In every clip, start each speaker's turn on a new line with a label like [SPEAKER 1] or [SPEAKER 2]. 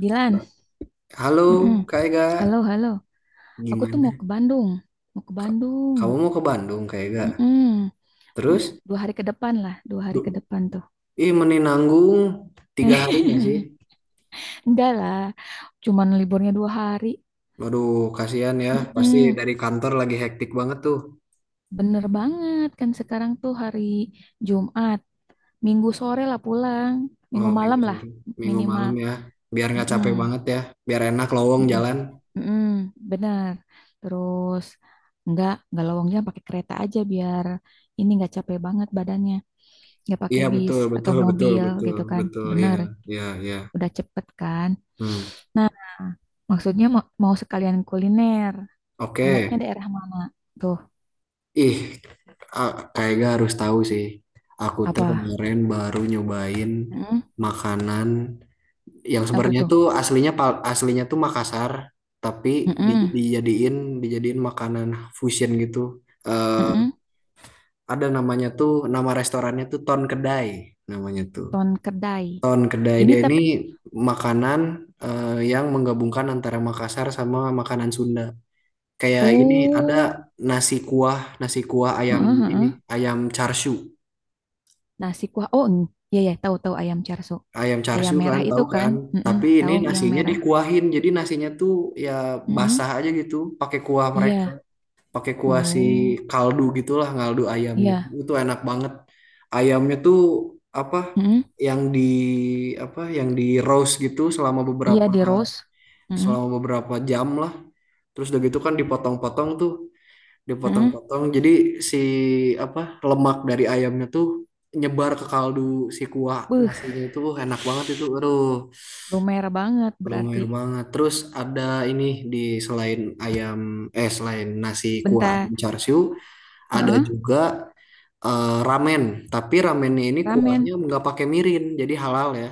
[SPEAKER 1] Dilan,
[SPEAKER 2] Halo
[SPEAKER 1] mm-mm.
[SPEAKER 2] Kak Ega,
[SPEAKER 1] Halo, halo. Aku tuh mau ke
[SPEAKER 2] gimana?
[SPEAKER 1] Bandung, mau ke
[SPEAKER 2] Ka-
[SPEAKER 1] Bandung.
[SPEAKER 2] Kamu mau ke Bandung, Kak Ega?
[SPEAKER 1] Mm-mm.
[SPEAKER 2] Terus?
[SPEAKER 1] Dua hari ke depan lah, dua hari ke
[SPEAKER 2] Du-
[SPEAKER 1] depan tuh.
[SPEAKER 2] Ih meninanggung tiga hari nggak sih?
[SPEAKER 1] Enggak lah, cuman liburnya dua hari.
[SPEAKER 2] Waduh, kasihan ya, pasti
[SPEAKER 1] Mm-mm.
[SPEAKER 2] dari kantor
[SPEAKER 1] Se-
[SPEAKER 2] lagi hektik banget tuh.
[SPEAKER 1] Bener banget kan sekarang tuh hari Jumat, Minggu sore lah pulang, Minggu
[SPEAKER 2] Oh,
[SPEAKER 1] malam
[SPEAKER 2] minggu
[SPEAKER 1] lah
[SPEAKER 2] sore, minggu
[SPEAKER 1] minimal.
[SPEAKER 2] malam ya. Biar nggak
[SPEAKER 1] Mm-mm.
[SPEAKER 2] capek banget ya, biar enak lowong
[SPEAKER 1] Mm-mm.
[SPEAKER 2] jalan.
[SPEAKER 1] Mm-mm, benar. Terus nggak lowongnya pakai kereta aja biar ini nggak capek banget badannya. Nggak pakai
[SPEAKER 2] Iya,
[SPEAKER 1] bis
[SPEAKER 2] betul
[SPEAKER 1] atau
[SPEAKER 2] betul betul
[SPEAKER 1] mobil
[SPEAKER 2] betul
[SPEAKER 1] gitu kan.
[SPEAKER 2] betul, ya,
[SPEAKER 1] Benar,
[SPEAKER 2] ya, ya.
[SPEAKER 1] udah cepet kan.
[SPEAKER 2] Hmm.
[SPEAKER 1] Nah, maksudnya mau sekalian kuliner. Enaknya
[SPEAKER 2] Oke.
[SPEAKER 1] daerah mana? Tuh,
[SPEAKER 2] Ih Kak harus tahu sih. Aku tuh
[SPEAKER 1] apa?
[SPEAKER 2] kemarin baru nyobain
[SPEAKER 1] Mm-mm,
[SPEAKER 2] makanan yang
[SPEAKER 1] apa
[SPEAKER 2] sebenarnya
[SPEAKER 1] tuh?
[SPEAKER 2] tuh aslinya tuh Makassar, tapi
[SPEAKER 1] Mm-mm,
[SPEAKER 2] dijadiin dijadiin makanan fusion gitu, eh
[SPEAKER 1] mm-mm,
[SPEAKER 2] ada namanya tuh, nama restorannya tuh Ton Kedai, namanya tuh
[SPEAKER 1] Ton Kedai.
[SPEAKER 2] Ton Kedai.
[SPEAKER 1] Ini
[SPEAKER 2] Dia
[SPEAKER 1] tep.
[SPEAKER 2] ini makanan, yang menggabungkan antara Makassar sama makanan Sunda, kayak ini ada
[SPEAKER 1] Oh,
[SPEAKER 2] nasi kuah ayam,
[SPEAKER 1] heeh,
[SPEAKER 2] ini
[SPEAKER 1] heeh.
[SPEAKER 2] ayam char siu
[SPEAKER 1] Nasi kuah. Oh, iya ya, tahu-tahu ayam charso.
[SPEAKER 2] ayam char
[SPEAKER 1] Ayam
[SPEAKER 2] siu, kan,
[SPEAKER 1] merah itu
[SPEAKER 2] tahu
[SPEAKER 1] kan?
[SPEAKER 2] kan?
[SPEAKER 1] Mm-mm,
[SPEAKER 2] Tapi ini
[SPEAKER 1] tahu yang
[SPEAKER 2] nasinya
[SPEAKER 1] merah.
[SPEAKER 2] dikuahin, jadi nasinya tuh ya
[SPEAKER 1] Mm-mm,
[SPEAKER 2] basah aja gitu, pakai kuah mereka,
[SPEAKER 1] iya.
[SPEAKER 2] pakai kuah
[SPEAKER 1] Oh,
[SPEAKER 2] kaldu gitulah, kaldu ayam gitu.
[SPEAKER 1] iya.
[SPEAKER 2] Itu enak banget. Ayamnya tuh apa?
[SPEAKER 1] Mm-mm,
[SPEAKER 2] Yang di Yang di roast gitu selama
[SPEAKER 1] iya
[SPEAKER 2] beberapa,
[SPEAKER 1] di roast. Mm-mm,
[SPEAKER 2] jam lah. Terus udah gitu kan dipotong-potong tuh
[SPEAKER 1] mm-mm.
[SPEAKER 2] dipotong-potong. Jadi si apa, lemak dari ayamnya tuh nyebar ke kaldu, si kuah
[SPEAKER 1] Beuh,
[SPEAKER 2] nasinya itu, enak banget itu. Aduh,
[SPEAKER 1] lumer banget berarti.
[SPEAKER 2] lumayan banget. Terus ada ini, di selain ayam, selain nasi kuah
[SPEAKER 1] Bentar.
[SPEAKER 2] ayam char siu ada
[SPEAKER 1] Heeh,
[SPEAKER 2] juga, ramen. Tapi ramennya ini
[SPEAKER 1] ramen.
[SPEAKER 2] kuahnya nggak pakai mirin, jadi halal ya.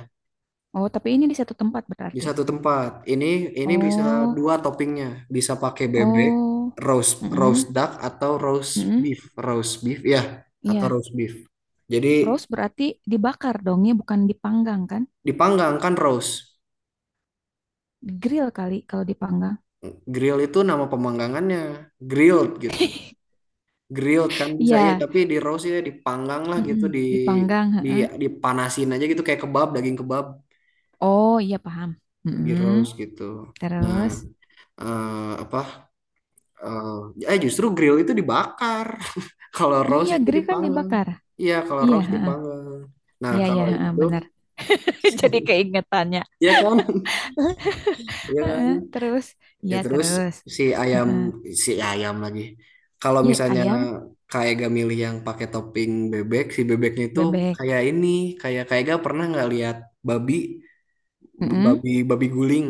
[SPEAKER 1] Oh, tapi ini di satu tempat
[SPEAKER 2] Di
[SPEAKER 1] berarti.
[SPEAKER 2] satu tempat. Ini bisa
[SPEAKER 1] Oh,
[SPEAKER 2] dua toppingnya. Bisa pakai bebek,
[SPEAKER 1] oh.
[SPEAKER 2] roast roast
[SPEAKER 1] Mm-mm,
[SPEAKER 2] duck atau
[SPEAKER 1] mm-mm,
[SPEAKER 2] beef, roast beef ya, atau
[SPEAKER 1] iya.
[SPEAKER 2] roast beef. Jadi
[SPEAKER 1] Roast berarti dibakar dong ya, bukan dipanggang kan?
[SPEAKER 2] dipanggang kan roast.
[SPEAKER 1] Grill kali kalau dipanggang.
[SPEAKER 2] Grill itu nama pemanggangannya, grilled gitu. Grilled kan bisa ya,
[SPEAKER 1] Iya,
[SPEAKER 2] tapi di roast ya dipanggang lah
[SPEAKER 1] mm-mm,
[SPEAKER 2] gitu,
[SPEAKER 1] dipanggang.
[SPEAKER 2] di
[SPEAKER 1] Heeh.
[SPEAKER 2] dipanasin aja gitu kayak kebab, daging kebab
[SPEAKER 1] Oh iya paham.
[SPEAKER 2] di
[SPEAKER 1] Mm-mm.
[SPEAKER 2] roast gitu. Nah,
[SPEAKER 1] Terus,
[SPEAKER 2] eh, apa Eh, eh justru grill itu dibakar. Kalau roast
[SPEAKER 1] iya
[SPEAKER 2] itu
[SPEAKER 1] grill kan
[SPEAKER 2] dipanggang.
[SPEAKER 1] dibakar.
[SPEAKER 2] Iya, kalau
[SPEAKER 1] Iya,
[SPEAKER 2] roast
[SPEAKER 1] heeh.
[SPEAKER 2] dipanggang. Nah,
[SPEAKER 1] Iya, iya,
[SPEAKER 2] kalau
[SPEAKER 1] heeh,
[SPEAKER 2] itu
[SPEAKER 1] benar. Jadi keingetannya.
[SPEAKER 2] ya kan? Ya
[SPEAKER 1] Heeh,
[SPEAKER 2] kan?
[SPEAKER 1] terus,
[SPEAKER 2] Ya
[SPEAKER 1] iya
[SPEAKER 2] terus,
[SPEAKER 1] terus.
[SPEAKER 2] si ayam
[SPEAKER 1] Heeh.
[SPEAKER 2] si ayam lagi. Kalau
[SPEAKER 1] Iya
[SPEAKER 2] misalnya
[SPEAKER 1] ayam,
[SPEAKER 2] kayak gak milih yang pakai topping bebek, si bebeknya itu
[SPEAKER 1] bebek.
[SPEAKER 2] kayak ini, kayak kayak gak pernah nggak lihat babi,
[SPEAKER 1] Mm-mm.
[SPEAKER 2] babi guling.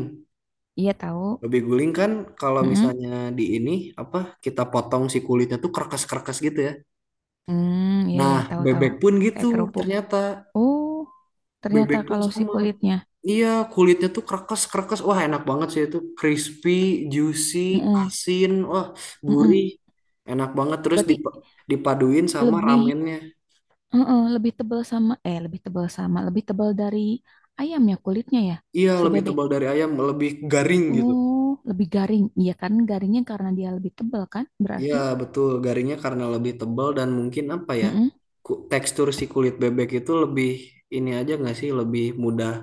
[SPEAKER 1] Iya tahu.
[SPEAKER 2] Babi guling kan kalau
[SPEAKER 1] Mm-mm.
[SPEAKER 2] misalnya di ini apa, kita potong si kulitnya tuh kerkes-kerkes gitu ya.
[SPEAKER 1] Hmm, iya iya
[SPEAKER 2] Nah,
[SPEAKER 1] tahu tahu.
[SPEAKER 2] bebek pun gitu
[SPEAKER 1] Kayak kerupuk.
[SPEAKER 2] ternyata.
[SPEAKER 1] Oh, ternyata
[SPEAKER 2] Bebek pun
[SPEAKER 1] kalau si
[SPEAKER 2] sama.
[SPEAKER 1] kulitnya.
[SPEAKER 2] Iya, kulitnya tuh krekes-krekes. Wah, enak banget sih itu. Crispy, juicy,
[SPEAKER 1] Mm-mm.
[SPEAKER 2] asin, wah, gurih.
[SPEAKER 1] Mm-mm.
[SPEAKER 2] Enak banget terus
[SPEAKER 1] Berarti
[SPEAKER 2] dipaduin sama
[SPEAKER 1] lebih,
[SPEAKER 2] ramennya.
[SPEAKER 1] heeh, lebih tebal sama, lebih tebal sama, lebih tebal dari ayamnya kulitnya ya,
[SPEAKER 2] Iya,
[SPEAKER 1] si
[SPEAKER 2] lebih
[SPEAKER 1] bebek.
[SPEAKER 2] tebal dari ayam, lebih garing gitu.
[SPEAKER 1] Oh, lebih garing. Iya kan, garingnya karena dia lebih tebal kan,
[SPEAKER 2] Iya,
[SPEAKER 1] berarti.
[SPEAKER 2] betul. Garingnya karena lebih tebal dan mungkin apa ya?
[SPEAKER 1] Mm-mm.
[SPEAKER 2] Tekstur si kulit bebek itu lebih ini aja nggak sih? Lebih mudah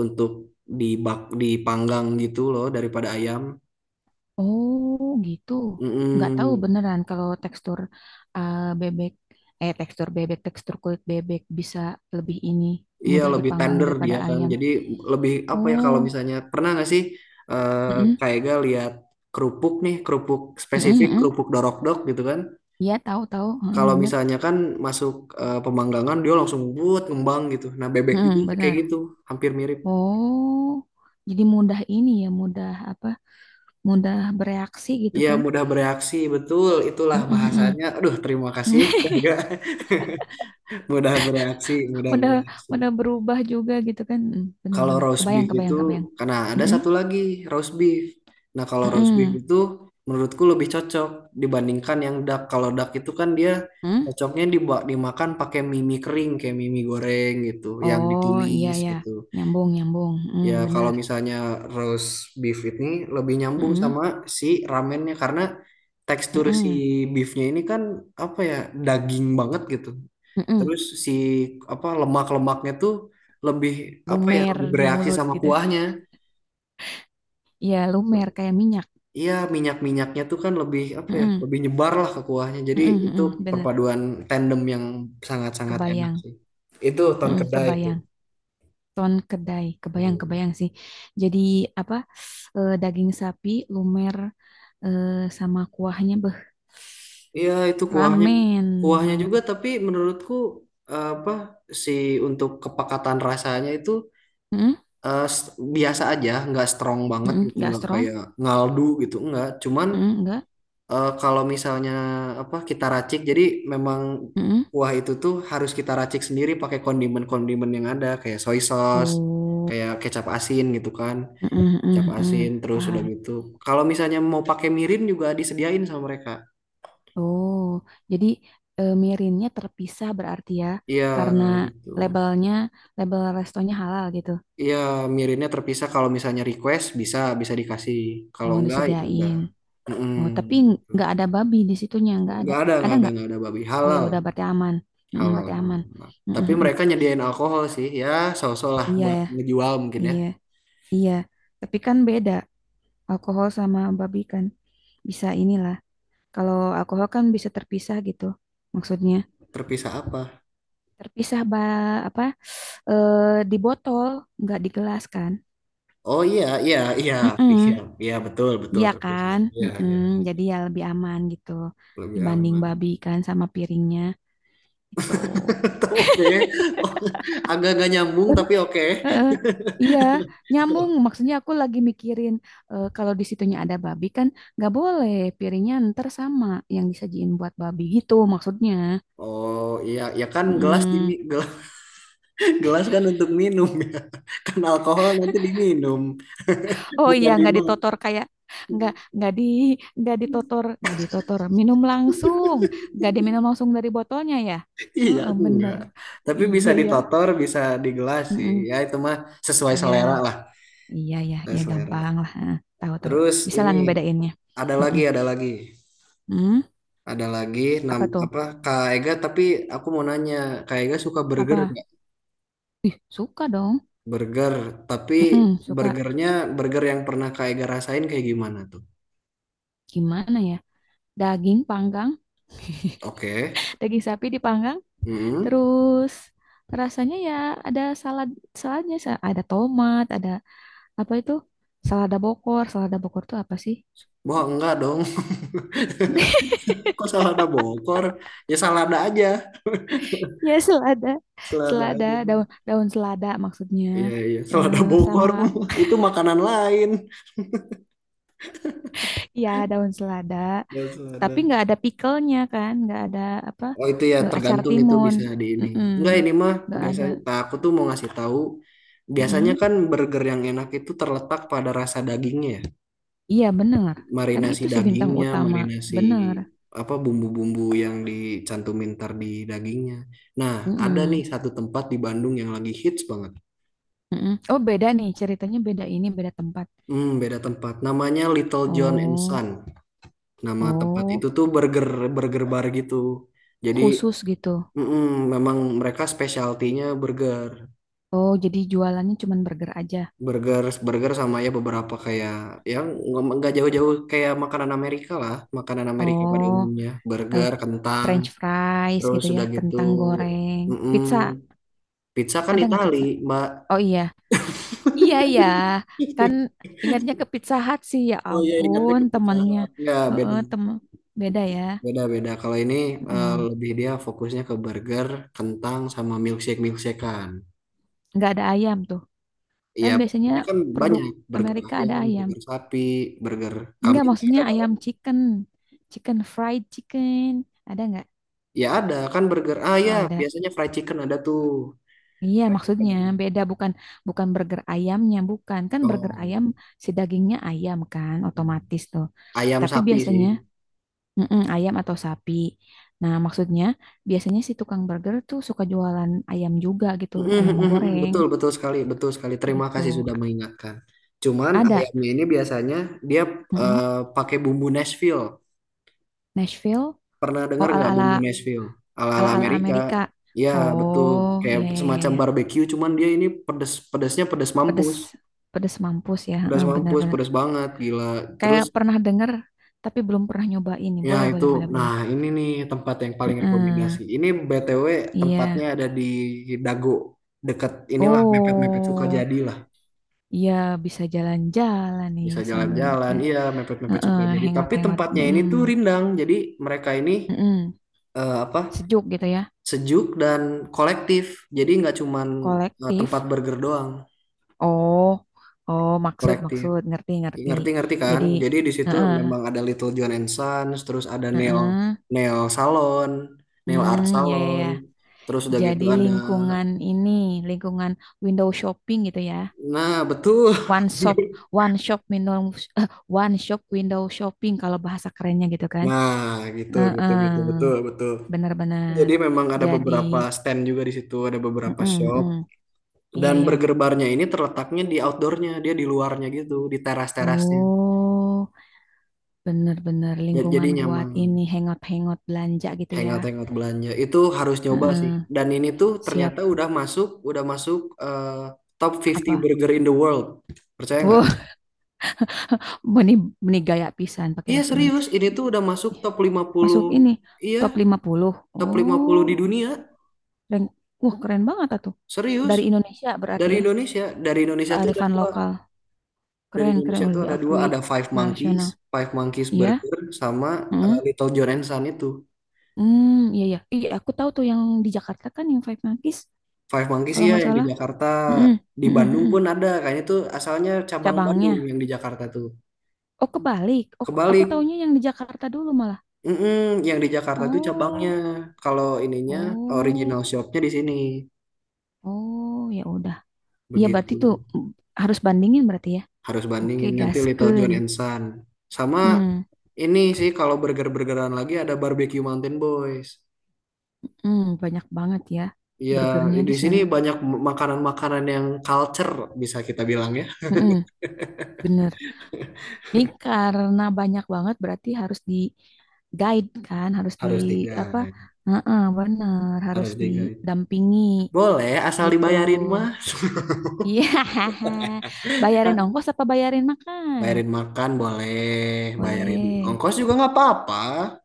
[SPEAKER 2] untuk dipanggang gitu loh daripada ayam.
[SPEAKER 1] Oh, gitu. Nggak tahu
[SPEAKER 2] Mm-mm.
[SPEAKER 1] beneran kalau tekstur bebek, tekstur bebek, tekstur kulit bebek bisa lebih ini,
[SPEAKER 2] Iya,
[SPEAKER 1] mudah
[SPEAKER 2] lebih
[SPEAKER 1] dipanggang
[SPEAKER 2] tender
[SPEAKER 1] daripada
[SPEAKER 2] dia kan.
[SPEAKER 1] ayam.
[SPEAKER 2] Jadi lebih apa ya, kalau
[SPEAKER 1] Oh,
[SPEAKER 2] misalnya pernah nggak sih, eh
[SPEAKER 1] mm-mm.
[SPEAKER 2] kayak gak lihat kerupuk nih, kerupuk
[SPEAKER 1] Mm-mm,
[SPEAKER 2] spesifik
[SPEAKER 1] mm-mm.
[SPEAKER 2] kerupuk dorok-dok gitu kan.
[SPEAKER 1] Iya tahu-tahu, heeh,
[SPEAKER 2] Kalau
[SPEAKER 1] bener.
[SPEAKER 2] misalnya kan masuk, pemanggangan dia langsung buat ngembang gitu. Nah, bebek juga
[SPEAKER 1] Mm-mm,
[SPEAKER 2] kayak
[SPEAKER 1] bener.
[SPEAKER 2] gitu, hampir mirip.
[SPEAKER 1] Oh, jadi mudah ini ya, mudah apa, mudah bereaksi gitu
[SPEAKER 2] Iya
[SPEAKER 1] kan.
[SPEAKER 2] mudah bereaksi, betul itulah
[SPEAKER 1] Mm mm-mm.
[SPEAKER 2] bahasanya. Aduh, terima kasih. Mudah bereaksi, mudah
[SPEAKER 1] udah
[SPEAKER 2] bereaksi.
[SPEAKER 1] udah berubah juga gitu kan. Mm,
[SPEAKER 2] Kalau
[SPEAKER 1] benar-benar,
[SPEAKER 2] roast
[SPEAKER 1] kebayang
[SPEAKER 2] beef itu,
[SPEAKER 1] kebayang kebayang.
[SPEAKER 2] karena ada
[SPEAKER 1] Mm-mm,
[SPEAKER 2] satu lagi roast beef. Nah, kalau roast beef
[SPEAKER 1] mm-mm,
[SPEAKER 2] itu menurutku lebih cocok dibandingkan yang duck. Kalau duck itu kan dia
[SPEAKER 1] mm.
[SPEAKER 2] cocoknya dimakan pakai mie mie kering kayak mie mie goreng gitu, yang
[SPEAKER 1] Oh iya
[SPEAKER 2] ditumis
[SPEAKER 1] ya,
[SPEAKER 2] gitu.
[SPEAKER 1] nyambung nyambung. Mm,
[SPEAKER 2] Ya, kalau
[SPEAKER 1] benar.
[SPEAKER 2] misalnya roast beef ini lebih nyambung
[SPEAKER 1] Mm-mm,
[SPEAKER 2] sama si ramennya, karena tekstur si
[SPEAKER 1] mm-mm,
[SPEAKER 2] beefnya ini kan, apa ya, daging banget gitu.
[SPEAKER 1] mm-mm.
[SPEAKER 2] Terus si apa, lemak-lemaknya tuh lebih, apa ya,
[SPEAKER 1] Lumer
[SPEAKER 2] lebih
[SPEAKER 1] di
[SPEAKER 2] bereaksi
[SPEAKER 1] mulut
[SPEAKER 2] sama
[SPEAKER 1] gitu.
[SPEAKER 2] kuahnya.
[SPEAKER 1] Iya lumer kayak minyak.
[SPEAKER 2] Iya, minyak-minyaknya tuh kan lebih, apa ya,
[SPEAKER 1] Mm-mm,
[SPEAKER 2] lebih nyebar lah ke kuahnya. Jadi
[SPEAKER 1] mm-mm,
[SPEAKER 2] itu
[SPEAKER 1] mm-mm, benar,
[SPEAKER 2] perpaduan tandem yang sangat-sangat enak
[SPEAKER 1] kebayang.
[SPEAKER 2] sih. Itu Ton
[SPEAKER 1] Mm,
[SPEAKER 2] Kedai itu.
[SPEAKER 1] kebayang ton kedai, kebayang
[SPEAKER 2] Hmm.
[SPEAKER 1] kebayang sih. Jadi apa, daging sapi lumer, eh, sama kuahnya, beh,
[SPEAKER 2] Iya, itu kuahnya
[SPEAKER 1] ramen
[SPEAKER 2] kuahnya juga,
[SPEAKER 1] mantep.
[SPEAKER 2] tapi menurutku, eh, apa si untuk kepekatan rasanya itu,
[SPEAKER 1] Mm,
[SPEAKER 2] eh, s- biasa aja, nggak strong banget
[SPEAKER 1] mhm,
[SPEAKER 2] gitu,
[SPEAKER 1] nggak
[SPEAKER 2] nggak
[SPEAKER 1] strong?
[SPEAKER 2] kayak ngaldu gitu, nggak. Cuman,
[SPEAKER 1] Mhm, nggak?
[SPEAKER 2] Kalau misalnya apa, kita racik, jadi memang
[SPEAKER 1] Mhm.
[SPEAKER 2] kuah itu tuh harus kita racik sendiri pakai kondimen-kondimen yang ada, kayak soy sauce,
[SPEAKER 1] Oh,
[SPEAKER 2] kayak kecap asin gitu kan,
[SPEAKER 1] mhm,
[SPEAKER 2] kecap
[SPEAKER 1] mhm,
[SPEAKER 2] asin
[SPEAKER 1] mhm.
[SPEAKER 2] terus udah
[SPEAKER 1] Paham.
[SPEAKER 2] gitu. Kalau misalnya mau pakai mirin juga disediain sama mereka.
[SPEAKER 1] Oh, jadi mirinnya terpisah berarti ya,
[SPEAKER 2] Iya
[SPEAKER 1] karena
[SPEAKER 2] gitu.
[SPEAKER 1] labelnya, label restonya halal gitu.
[SPEAKER 2] Iya, mirinnya terpisah. Kalau misalnya request bisa bisa dikasih. Kalau
[SPEAKER 1] Oh,
[SPEAKER 2] enggak ya udah.
[SPEAKER 1] disediain.
[SPEAKER 2] Mm-mm.
[SPEAKER 1] Oh, tapi nggak ada babi di situnya, nggak ada.
[SPEAKER 2] Nggak ada,
[SPEAKER 1] Ada
[SPEAKER 2] nggak ada,
[SPEAKER 1] nggak?
[SPEAKER 2] nggak ada babi
[SPEAKER 1] Oh ya
[SPEAKER 2] halal.
[SPEAKER 1] udah, berarti aman. Mhm,
[SPEAKER 2] Halal,
[SPEAKER 1] berarti
[SPEAKER 2] halal,
[SPEAKER 1] aman.
[SPEAKER 2] halal.
[SPEAKER 1] Mhm,
[SPEAKER 2] Tapi
[SPEAKER 1] mhm.
[SPEAKER 2] mereka nyediain alkohol sih ya, so-so lah
[SPEAKER 1] Iya
[SPEAKER 2] buat
[SPEAKER 1] ya,
[SPEAKER 2] ngejual mungkin ya.
[SPEAKER 1] iya, iya. Tapi kan beda alkohol sama babi kan. Bisa inilah. Kalau alkohol kan bisa terpisah gitu, maksudnya.
[SPEAKER 2] Terpisah apa
[SPEAKER 1] Terpisah apa, di botol nggak di gelas kan.
[SPEAKER 2] Oh, iya, iya, iya, iya,
[SPEAKER 1] Mm-mm.
[SPEAKER 2] iya, betul, betul,
[SPEAKER 1] Iya
[SPEAKER 2] terpisah,
[SPEAKER 1] kan.
[SPEAKER 2] iya,
[SPEAKER 1] Mm-mm.
[SPEAKER 2] iya, iya,
[SPEAKER 1] Jadi ya lebih aman gitu
[SPEAKER 2] lebih
[SPEAKER 1] dibanding
[SPEAKER 2] aman.
[SPEAKER 1] babi kan sama piringnya itu.
[SPEAKER 2] Oke. Oh, agak-agak nyambung tapi oke.
[SPEAKER 1] Heeh. Iya, nyambung. Maksudnya aku lagi mikirin kalau di situnya ada babi kan nggak boleh piringnya ntar sama yang disajiin buat babi gitu maksudnya.
[SPEAKER 2] Oh, iya ya kan,
[SPEAKER 1] Mm-mm.
[SPEAKER 2] gelas. Gelas kan untuk minum ya, kan alkohol nanti diminum,
[SPEAKER 1] Oh iya,
[SPEAKER 2] bukan
[SPEAKER 1] nggak
[SPEAKER 2] dimakan.
[SPEAKER 1] ditotor kayak nggak nggak ditotor, minum langsung, nggak diminum langsung dari botolnya ya.
[SPEAKER 2] Iya
[SPEAKER 1] Heeh, bener.
[SPEAKER 2] enggak,
[SPEAKER 1] Oh
[SPEAKER 2] tapi bisa
[SPEAKER 1] iya ya.
[SPEAKER 2] ditotor, bisa di gelas sih
[SPEAKER 1] Heeh.
[SPEAKER 2] ya, itu mah sesuai selera
[SPEAKER 1] Ya
[SPEAKER 2] lah,
[SPEAKER 1] iya ya
[SPEAKER 2] sesuai
[SPEAKER 1] ya
[SPEAKER 2] selera.
[SPEAKER 1] gampang lah. Heeh, tahu tahu.
[SPEAKER 2] Terus
[SPEAKER 1] Bisa lah
[SPEAKER 2] ini
[SPEAKER 1] ngebedainnya.
[SPEAKER 2] ada lagi,
[SPEAKER 1] Heeh.
[SPEAKER 2] ada lagi,
[SPEAKER 1] Hmm,
[SPEAKER 2] ada lagi.
[SPEAKER 1] apa tuh?
[SPEAKER 2] Apa, Kak Ega? Tapi aku mau nanya, Kak Ega suka burger
[SPEAKER 1] Apa?
[SPEAKER 2] nggak?
[SPEAKER 1] Ih suka dong.
[SPEAKER 2] Burger, tapi
[SPEAKER 1] Heeh, suka.
[SPEAKER 2] burgernya burger yang pernah Kak Ega rasain kayak gimana tuh?
[SPEAKER 1] Gimana ya? Daging panggang,
[SPEAKER 2] Oke.
[SPEAKER 1] daging sapi dipanggang,
[SPEAKER 2] Hmm.
[SPEAKER 1] terus rasanya ya ada salad, saladnya, ada tomat, ada apa itu, selada Bokor, selada Bokor tuh apa sih?
[SPEAKER 2] Wah, enggak dong. Kok salada bokor? Ya salada aja,
[SPEAKER 1] Ya, selada.
[SPEAKER 2] salada
[SPEAKER 1] Selada,
[SPEAKER 2] aja.
[SPEAKER 1] daun daun selada maksudnya,
[SPEAKER 2] Iya, iya, salada
[SPEAKER 1] eh,
[SPEAKER 2] bokor
[SPEAKER 1] sama
[SPEAKER 2] itu makanan lain.
[SPEAKER 1] ya daun selada,
[SPEAKER 2] Gak
[SPEAKER 1] tapi
[SPEAKER 2] salada.
[SPEAKER 1] nggak ada pickle-nya kan, nggak ada apa,
[SPEAKER 2] Oh, itu ya
[SPEAKER 1] acar
[SPEAKER 2] tergantung, itu
[SPEAKER 1] timun.
[SPEAKER 2] bisa di ini.
[SPEAKER 1] Mm-mm.
[SPEAKER 2] Enggak, ini mah
[SPEAKER 1] Nggak ada.
[SPEAKER 2] biasanya, nah, aku tuh mau ngasih tahu, biasanya
[SPEAKER 1] Mm-mm.
[SPEAKER 2] kan burger yang enak itu terletak pada rasa dagingnya, ya.
[SPEAKER 1] Iya bener, kan
[SPEAKER 2] Marinasi
[SPEAKER 1] itu si bintang
[SPEAKER 2] dagingnya,
[SPEAKER 1] utama,
[SPEAKER 2] marinasi
[SPEAKER 1] bener.
[SPEAKER 2] apa, bumbu-bumbu yang dicantumin ntar di dagingnya. Nah, ada nih
[SPEAKER 1] Mm-mm.
[SPEAKER 2] satu tempat di Bandung yang lagi hits banget.
[SPEAKER 1] Mm-mm. Oh beda nih ceritanya, beda ini, beda tempat.
[SPEAKER 2] Hmm, beda tempat. Namanya Little John and
[SPEAKER 1] Oh,
[SPEAKER 2] Son. Nama tempat
[SPEAKER 1] oh
[SPEAKER 2] itu tuh burger, burger bar gitu. Jadi,
[SPEAKER 1] khusus gitu.
[SPEAKER 2] mm-mm, memang mereka specialty-nya burger.
[SPEAKER 1] Oh jadi jualannya cuman burger aja.
[SPEAKER 2] burger burger sama, ya beberapa kayak yang nggak jauh-jauh kayak makanan Amerika lah, makanan Amerika pada
[SPEAKER 1] Oh,
[SPEAKER 2] umumnya
[SPEAKER 1] eh,
[SPEAKER 2] burger, kentang,
[SPEAKER 1] French fries
[SPEAKER 2] terus
[SPEAKER 1] gitu ya,
[SPEAKER 2] udah gitu,
[SPEAKER 1] kentang goreng,
[SPEAKER 2] mm-mm.
[SPEAKER 1] pizza.
[SPEAKER 2] Pizza kan
[SPEAKER 1] Ada nggak pizza?
[SPEAKER 2] Itali, Mbak.
[SPEAKER 1] Oh iya, iya iya, kan ingatnya ke Pizza Hut sih ya
[SPEAKER 2] Oh, iya, ingatnya
[SPEAKER 1] ampun
[SPEAKER 2] ke Pizza
[SPEAKER 1] temennya.
[SPEAKER 2] Hut, nggak,
[SPEAKER 1] Heeh,
[SPEAKER 2] beda,
[SPEAKER 1] temen beda ya.
[SPEAKER 2] beda, beda kalau ini,
[SPEAKER 1] Mm,
[SPEAKER 2] lebih dia fokusnya ke burger, kentang, sama milkshakean.
[SPEAKER 1] nggak ada ayam tuh,
[SPEAKER 2] Iya,
[SPEAKER 1] kan biasanya
[SPEAKER 2] burgernya kan
[SPEAKER 1] produk
[SPEAKER 2] banyak, burger
[SPEAKER 1] Amerika ada
[SPEAKER 2] ayam,
[SPEAKER 1] ayam.
[SPEAKER 2] burger sapi, burger
[SPEAKER 1] Nggak
[SPEAKER 2] kambing nggak
[SPEAKER 1] maksudnya
[SPEAKER 2] ada
[SPEAKER 1] ayam
[SPEAKER 2] dong.
[SPEAKER 1] chicken, chicken fried chicken, ada nggak?
[SPEAKER 2] Ya ada kan burger. Ah
[SPEAKER 1] Oh
[SPEAKER 2] ya,
[SPEAKER 1] ada.
[SPEAKER 2] biasanya fried chicken ada tuh.
[SPEAKER 1] Iya,
[SPEAKER 2] Fried chicken
[SPEAKER 1] maksudnya
[SPEAKER 2] ada.
[SPEAKER 1] beda, bukan bukan burger ayamnya, bukan. Kan burger
[SPEAKER 2] Oh.
[SPEAKER 1] ayam si dagingnya ayam kan
[SPEAKER 2] Hmm.
[SPEAKER 1] otomatis tuh.
[SPEAKER 2] Ayam
[SPEAKER 1] Tapi
[SPEAKER 2] sapi sih.
[SPEAKER 1] biasanya mm-mm, ayam atau sapi. Nah, maksudnya biasanya si tukang burger tuh suka jualan ayam juga gitu,
[SPEAKER 2] Mm, mm,
[SPEAKER 1] ayam
[SPEAKER 2] mm, mm,
[SPEAKER 1] goreng
[SPEAKER 2] betul, betul sekali, betul sekali. Terima
[SPEAKER 1] gitu.
[SPEAKER 2] kasih sudah mengingatkan. Cuman
[SPEAKER 1] Ada.
[SPEAKER 2] ayamnya ini biasanya dia,
[SPEAKER 1] Mm-mm.
[SPEAKER 2] eh, pakai bumbu Nashville.
[SPEAKER 1] Nashville.
[SPEAKER 2] Pernah
[SPEAKER 1] Oh,
[SPEAKER 2] dengar nggak bumbu
[SPEAKER 1] ala-ala,
[SPEAKER 2] Nashville? Ala-ala
[SPEAKER 1] ala-ala
[SPEAKER 2] Amerika.
[SPEAKER 1] Amerika.
[SPEAKER 2] Ya,
[SPEAKER 1] Oh,
[SPEAKER 2] betul.
[SPEAKER 1] iya
[SPEAKER 2] Kayak
[SPEAKER 1] iya iya
[SPEAKER 2] semacam
[SPEAKER 1] iya.
[SPEAKER 2] barbecue, cuman dia ini pedes, pedesnya pedes
[SPEAKER 1] Pedes,
[SPEAKER 2] mampus.
[SPEAKER 1] pedes mampus ya.
[SPEAKER 2] Pedas
[SPEAKER 1] Heeh, benar
[SPEAKER 2] mampus,
[SPEAKER 1] bener.
[SPEAKER 2] pedas banget, gila. Terus
[SPEAKER 1] Kayak pernah denger tapi belum pernah nyobain nih.
[SPEAKER 2] Ya
[SPEAKER 1] Boleh,
[SPEAKER 2] itu,
[SPEAKER 1] boleh, boleh,
[SPEAKER 2] nah
[SPEAKER 1] boleh.
[SPEAKER 2] ini nih tempat yang paling
[SPEAKER 1] Heeh,
[SPEAKER 2] rekomendasi. Ini BTW tempatnya
[SPEAKER 1] iya.
[SPEAKER 2] ada di Dago, dekat inilah mepet-mepet
[SPEAKER 1] Oh,
[SPEAKER 2] Sukajadi lah.
[SPEAKER 1] iya bisa jalan-jalan nih
[SPEAKER 2] Bisa
[SPEAKER 1] sambil
[SPEAKER 2] jalan-jalan,
[SPEAKER 1] kayak,
[SPEAKER 2] iya mepet-mepet
[SPEAKER 1] heeh,
[SPEAKER 2] Sukajadi. Tapi
[SPEAKER 1] hangout-hangout.
[SPEAKER 2] tempatnya ini
[SPEAKER 1] Heeh,
[SPEAKER 2] tuh rindang, jadi mereka ini,
[SPEAKER 1] heeh.
[SPEAKER 2] eh, apa
[SPEAKER 1] Sejuk gitu ya,
[SPEAKER 2] sejuk dan kolektif. Jadi nggak cuman, tempat
[SPEAKER 1] kolektif.
[SPEAKER 2] burger doang,
[SPEAKER 1] Oh, oh maksud
[SPEAKER 2] kolektif.
[SPEAKER 1] maksud ngerti ngerti.
[SPEAKER 2] Ngerti-ngerti kan?
[SPEAKER 1] Jadi,
[SPEAKER 2] Jadi di situ
[SPEAKER 1] heeh,
[SPEAKER 2] memang ada Little John and Sons, terus ada nail
[SPEAKER 1] heeh.
[SPEAKER 2] nail salon, nail art
[SPEAKER 1] Hmm, ya ya
[SPEAKER 2] salon.
[SPEAKER 1] ya.
[SPEAKER 2] Terus udah gitu
[SPEAKER 1] Jadi
[SPEAKER 2] ada.
[SPEAKER 1] lingkungan ini, lingkungan window shopping gitu ya.
[SPEAKER 2] Nah, betul.
[SPEAKER 1] One shop, one shop window, eh, one shop window shopping kalau bahasa kerennya gitu kan.
[SPEAKER 2] Nah, gitu gitu gitu, betul
[SPEAKER 1] Heeh.
[SPEAKER 2] betul.
[SPEAKER 1] Benar-benar.
[SPEAKER 2] Jadi memang ada
[SPEAKER 1] Jadi,
[SPEAKER 2] beberapa stand juga di situ, ada beberapa
[SPEAKER 1] mm-mm,
[SPEAKER 2] shop,
[SPEAKER 1] mm-mm. Iya
[SPEAKER 2] dan
[SPEAKER 1] ya.
[SPEAKER 2] burger barnya ini terletaknya di outdoornya, dia di luarnya gitu, di teras-terasnya.
[SPEAKER 1] Oh, benar-benar lingkungan
[SPEAKER 2] Jadi
[SPEAKER 1] buat
[SPEAKER 2] nyaman,
[SPEAKER 1] ini hangout-hangout belanja gitu ya.
[SPEAKER 2] hangout-hangout belanja. Itu harus nyoba sih.
[SPEAKER 1] Heeh.
[SPEAKER 2] Dan ini tuh
[SPEAKER 1] Siap
[SPEAKER 2] ternyata udah masuk, udah masuk, eh, top 50
[SPEAKER 1] apa?
[SPEAKER 2] burger in the world. Percaya nggak?
[SPEAKER 1] Wah, benih benih gaya pisan pakai
[SPEAKER 2] Iya
[SPEAKER 1] bahasa Inggris.
[SPEAKER 2] serius, ini tuh udah masuk top 50.
[SPEAKER 1] Masuk ini
[SPEAKER 2] Iya,
[SPEAKER 1] top 50.
[SPEAKER 2] top 50
[SPEAKER 1] Oh,
[SPEAKER 2] di dunia.
[SPEAKER 1] keren. Wah, keren banget ah tuh.
[SPEAKER 2] Serius.
[SPEAKER 1] Dari Indonesia berarti ya.
[SPEAKER 2] Dari Indonesia tuh ada
[SPEAKER 1] Kearifan
[SPEAKER 2] dua.
[SPEAKER 1] lokal.
[SPEAKER 2] Dari
[SPEAKER 1] Keren, keren
[SPEAKER 2] Indonesia tuh
[SPEAKER 1] udah
[SPEAKER 2] ada dua,
[SPEAKER 1] diakui
[SPEAKER 2] ada Five Monkeys,
[SPEAKER 1] nasional.
[SPEAKER 2] Five Monkeys
[SPEAKER 1] Iya.
[SPEAKER 2] Burger sama,
[SPEAKER 1] Heeh.
[SPEAKER 2] Little John and Son itu.
[SPEAKER 1] Hmm, iya ya. Iya, aku tahu tuh yang di Jakarta kan yang Five Monkeys
[SPEAKER 2] Five Monkeys
[SPEAKER 1] kalau
[SPEAKER 2] ya
[SPEAKER 1] nggak
[SPEAKER 2] yang di
[SPEAKER 1] salah.
[SPEAKER 2] Jakarta,
[SPEAKER 1] Mm-mm,
[SPEAKER 2] di
[SPEAKER 1] mm-mm,
[SPEAKER 2] Bandung
[SPEAKER 1] mm-mm.
[SPEAKER 2] pun ada. Kayaknya tuh asalnya cabang Bandung
[SPEAKER 1] Cabangnya.
[SPEAKER 2] yang di Jakarta tuh.
[SPEAKER 1] Oh, kebalik. Oh, aku
[SPEAKER 2] Kebalik,
[SPEAKER 1] taunya yang di Jakarta dulu malah.
[SPEAKER 2] mm yang di Jakarta tuh cabangnya.
[SPEAKER 1] Oh,
[SPEAKER 2] Kalau ininya
[SPEAKER 1] oh,
[SPEAKER 2] original shopnya di sini,
[SPEAKER 1] oh, ya udah. Iya berarti
[SPEAKER 2] begitu.
[SPEAKER 1] tuh mm, harus bandingin berarti ya.
[SPEAKER 2] Harus
[SPEAKER 1] Oke,
[SPEAKER 2] bandingin nanti Little
[SPEAKER 1] gaskeun.
[SPEAKER 2] John and Son. Sama
[SPEAKER 1] Hmm,
[SPEAKER 2] ini sih, kalau burger-burgeran lagi ada Barbecue Mountain Boys.
[SPEAKER 1] hmm, banyak banget ya
[SPEAKER 2] Iya,
[SPEAKER 1] burgernya
[SPEAKER 2] di
[SPEAKER 1] di
[SPEAKER 2] sini
[SPEAKER 1] sana.
[SPEAKER 2] banyak makanan-makanan yang culture, bisa kita bilang ya.
[SPEAKER 1] Mm-mm, bener. Ini karena banyak banget berarti harus di guide kan, harus di
[SPEAKER 2] Harus
[SPEAKER 1] apa?
[SPEAKER 2] digaet,
[SPEAKER 1] Heeh, bener, harus
[SPEAKER 2] harus digaet.
[SPEAKER 1] didampingi
[SPEAKER 2] Boleh, asal
[SPEAKER 1] gitu.
[SPEAKER 2] dibayarin mas.
[SPEAKER 1] Iya. Bayarin ongkos apa bayarin makan?
[SPEAKER 2] Bayarin makan boleh, bayarin
[SPEAKER 1] Boleh.
[SPEAKER 2] ongkos juga nggak apa-apa.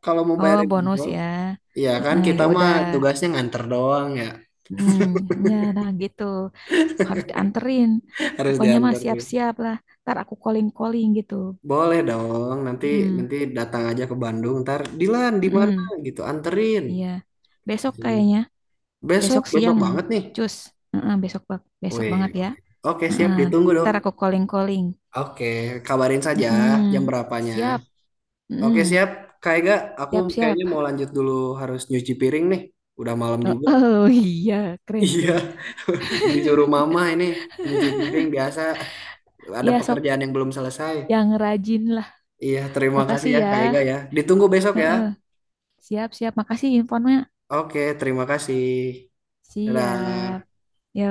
[SPEAKER 2] Kalau mau
[SPEAKER 1] Oh,
[SPEAKER 2] bayarin
[SPEAKER 1] bonus
[SPEAKER 2] ongkos,
[SPEAKER 1] ya.
[SPEAKER 2] iya kan
[SPEAKER 1] Heeh,
[SPEAKER 2] kita
[SPEAKER 1] ya
[SPEAKER 2] mah
[SPEAKER 1] udah.
[SPEAKER 2] tugasnya nganter doang ya.
[SPEAKER 1] Hmm, ya nah gitu. Harus dianterin.
[SPEAKER 2] Harus
[SPEAKER 1] Pokoknya mah
[SPEAKER 2] dianterin.
[SPEAKER 1] siap-siap lah. Ntar aku calling-calling gitu.
[SPEAKER 2] Boleh dong, nanti,
[SPEAKER 1] Hmm,
[SPEAKER 2] datang aja ke Bandung. Ntar Dilan di mana
[SPEAKER 1] mm-mm.
[SPEAKER 2] gitu, anterin.
[SPEAKER 1] Iya. Besok kayaknya.
[SPEAKER 2] Besok,
[SPEAKER 1] Besok
[SPEAKER 2] besok
[SPEAKER 1] siang,
[SPEAKER 2] banget nih.
[SPEAKER 1] cus. Heeh, besok besok
[SPEAKER 2] Wih,
[SPEAKER 1] banget ya.
[SPEAKER 2] oke. Oke,
[SPEAKER 1] Heeh,
[SPEAKER 2] siap ditunggu dong.
[SPEAKER 1] ntar aku calling-calling.
[SPEAKER 2] Oke, kabarin saja
[SPEAKER 1] Heeh,
[SPEAKER 2] jam berapanya.
[SPEAKER 1] siap.
[SPEAKER 2] Oke,
[SPEAKER 1] Heeh,
[SPEAKER 2] siap. Kak Ega, aku kayaknya
[SPEAKER 1] siap-siap.
[SPEAKER 2] mau lanjut dulu, harus nyuci piring nih. Udah malam
[SPEAKER 1] Oh,
[SPEAKER 2] juga.
[SPEAKER 1] oh, iya,
[SPEAKER 2] Iya,
[SPEAKER 1] keren-keren.
[SPEAKER 2] disuruh mama ini nyuci piring biasa. Ada
[SPEAKER 1] Ya, sok
[SPEAKER 2] pekerjaan yang belum selesai.
[SPEAKER 1] yang rajin lah.
[SPEAKER 2] Iya, terima kasih
[SPEAKER 1] Makasih
[SPEAKER 2] ya
[SPEAKER 1] ya.
[SPEAKER 2] Kak Ega ya. Ditunggu besok ya.
[SPEAKER 1] Heeh, siap-siap. Makasih infonya.
[SPEAKER 2] Oke, terima kasih.
[SPEAKER 1] Siap.
[SPEAKER 2] Dadah.
[SPEAKER 1] Yo.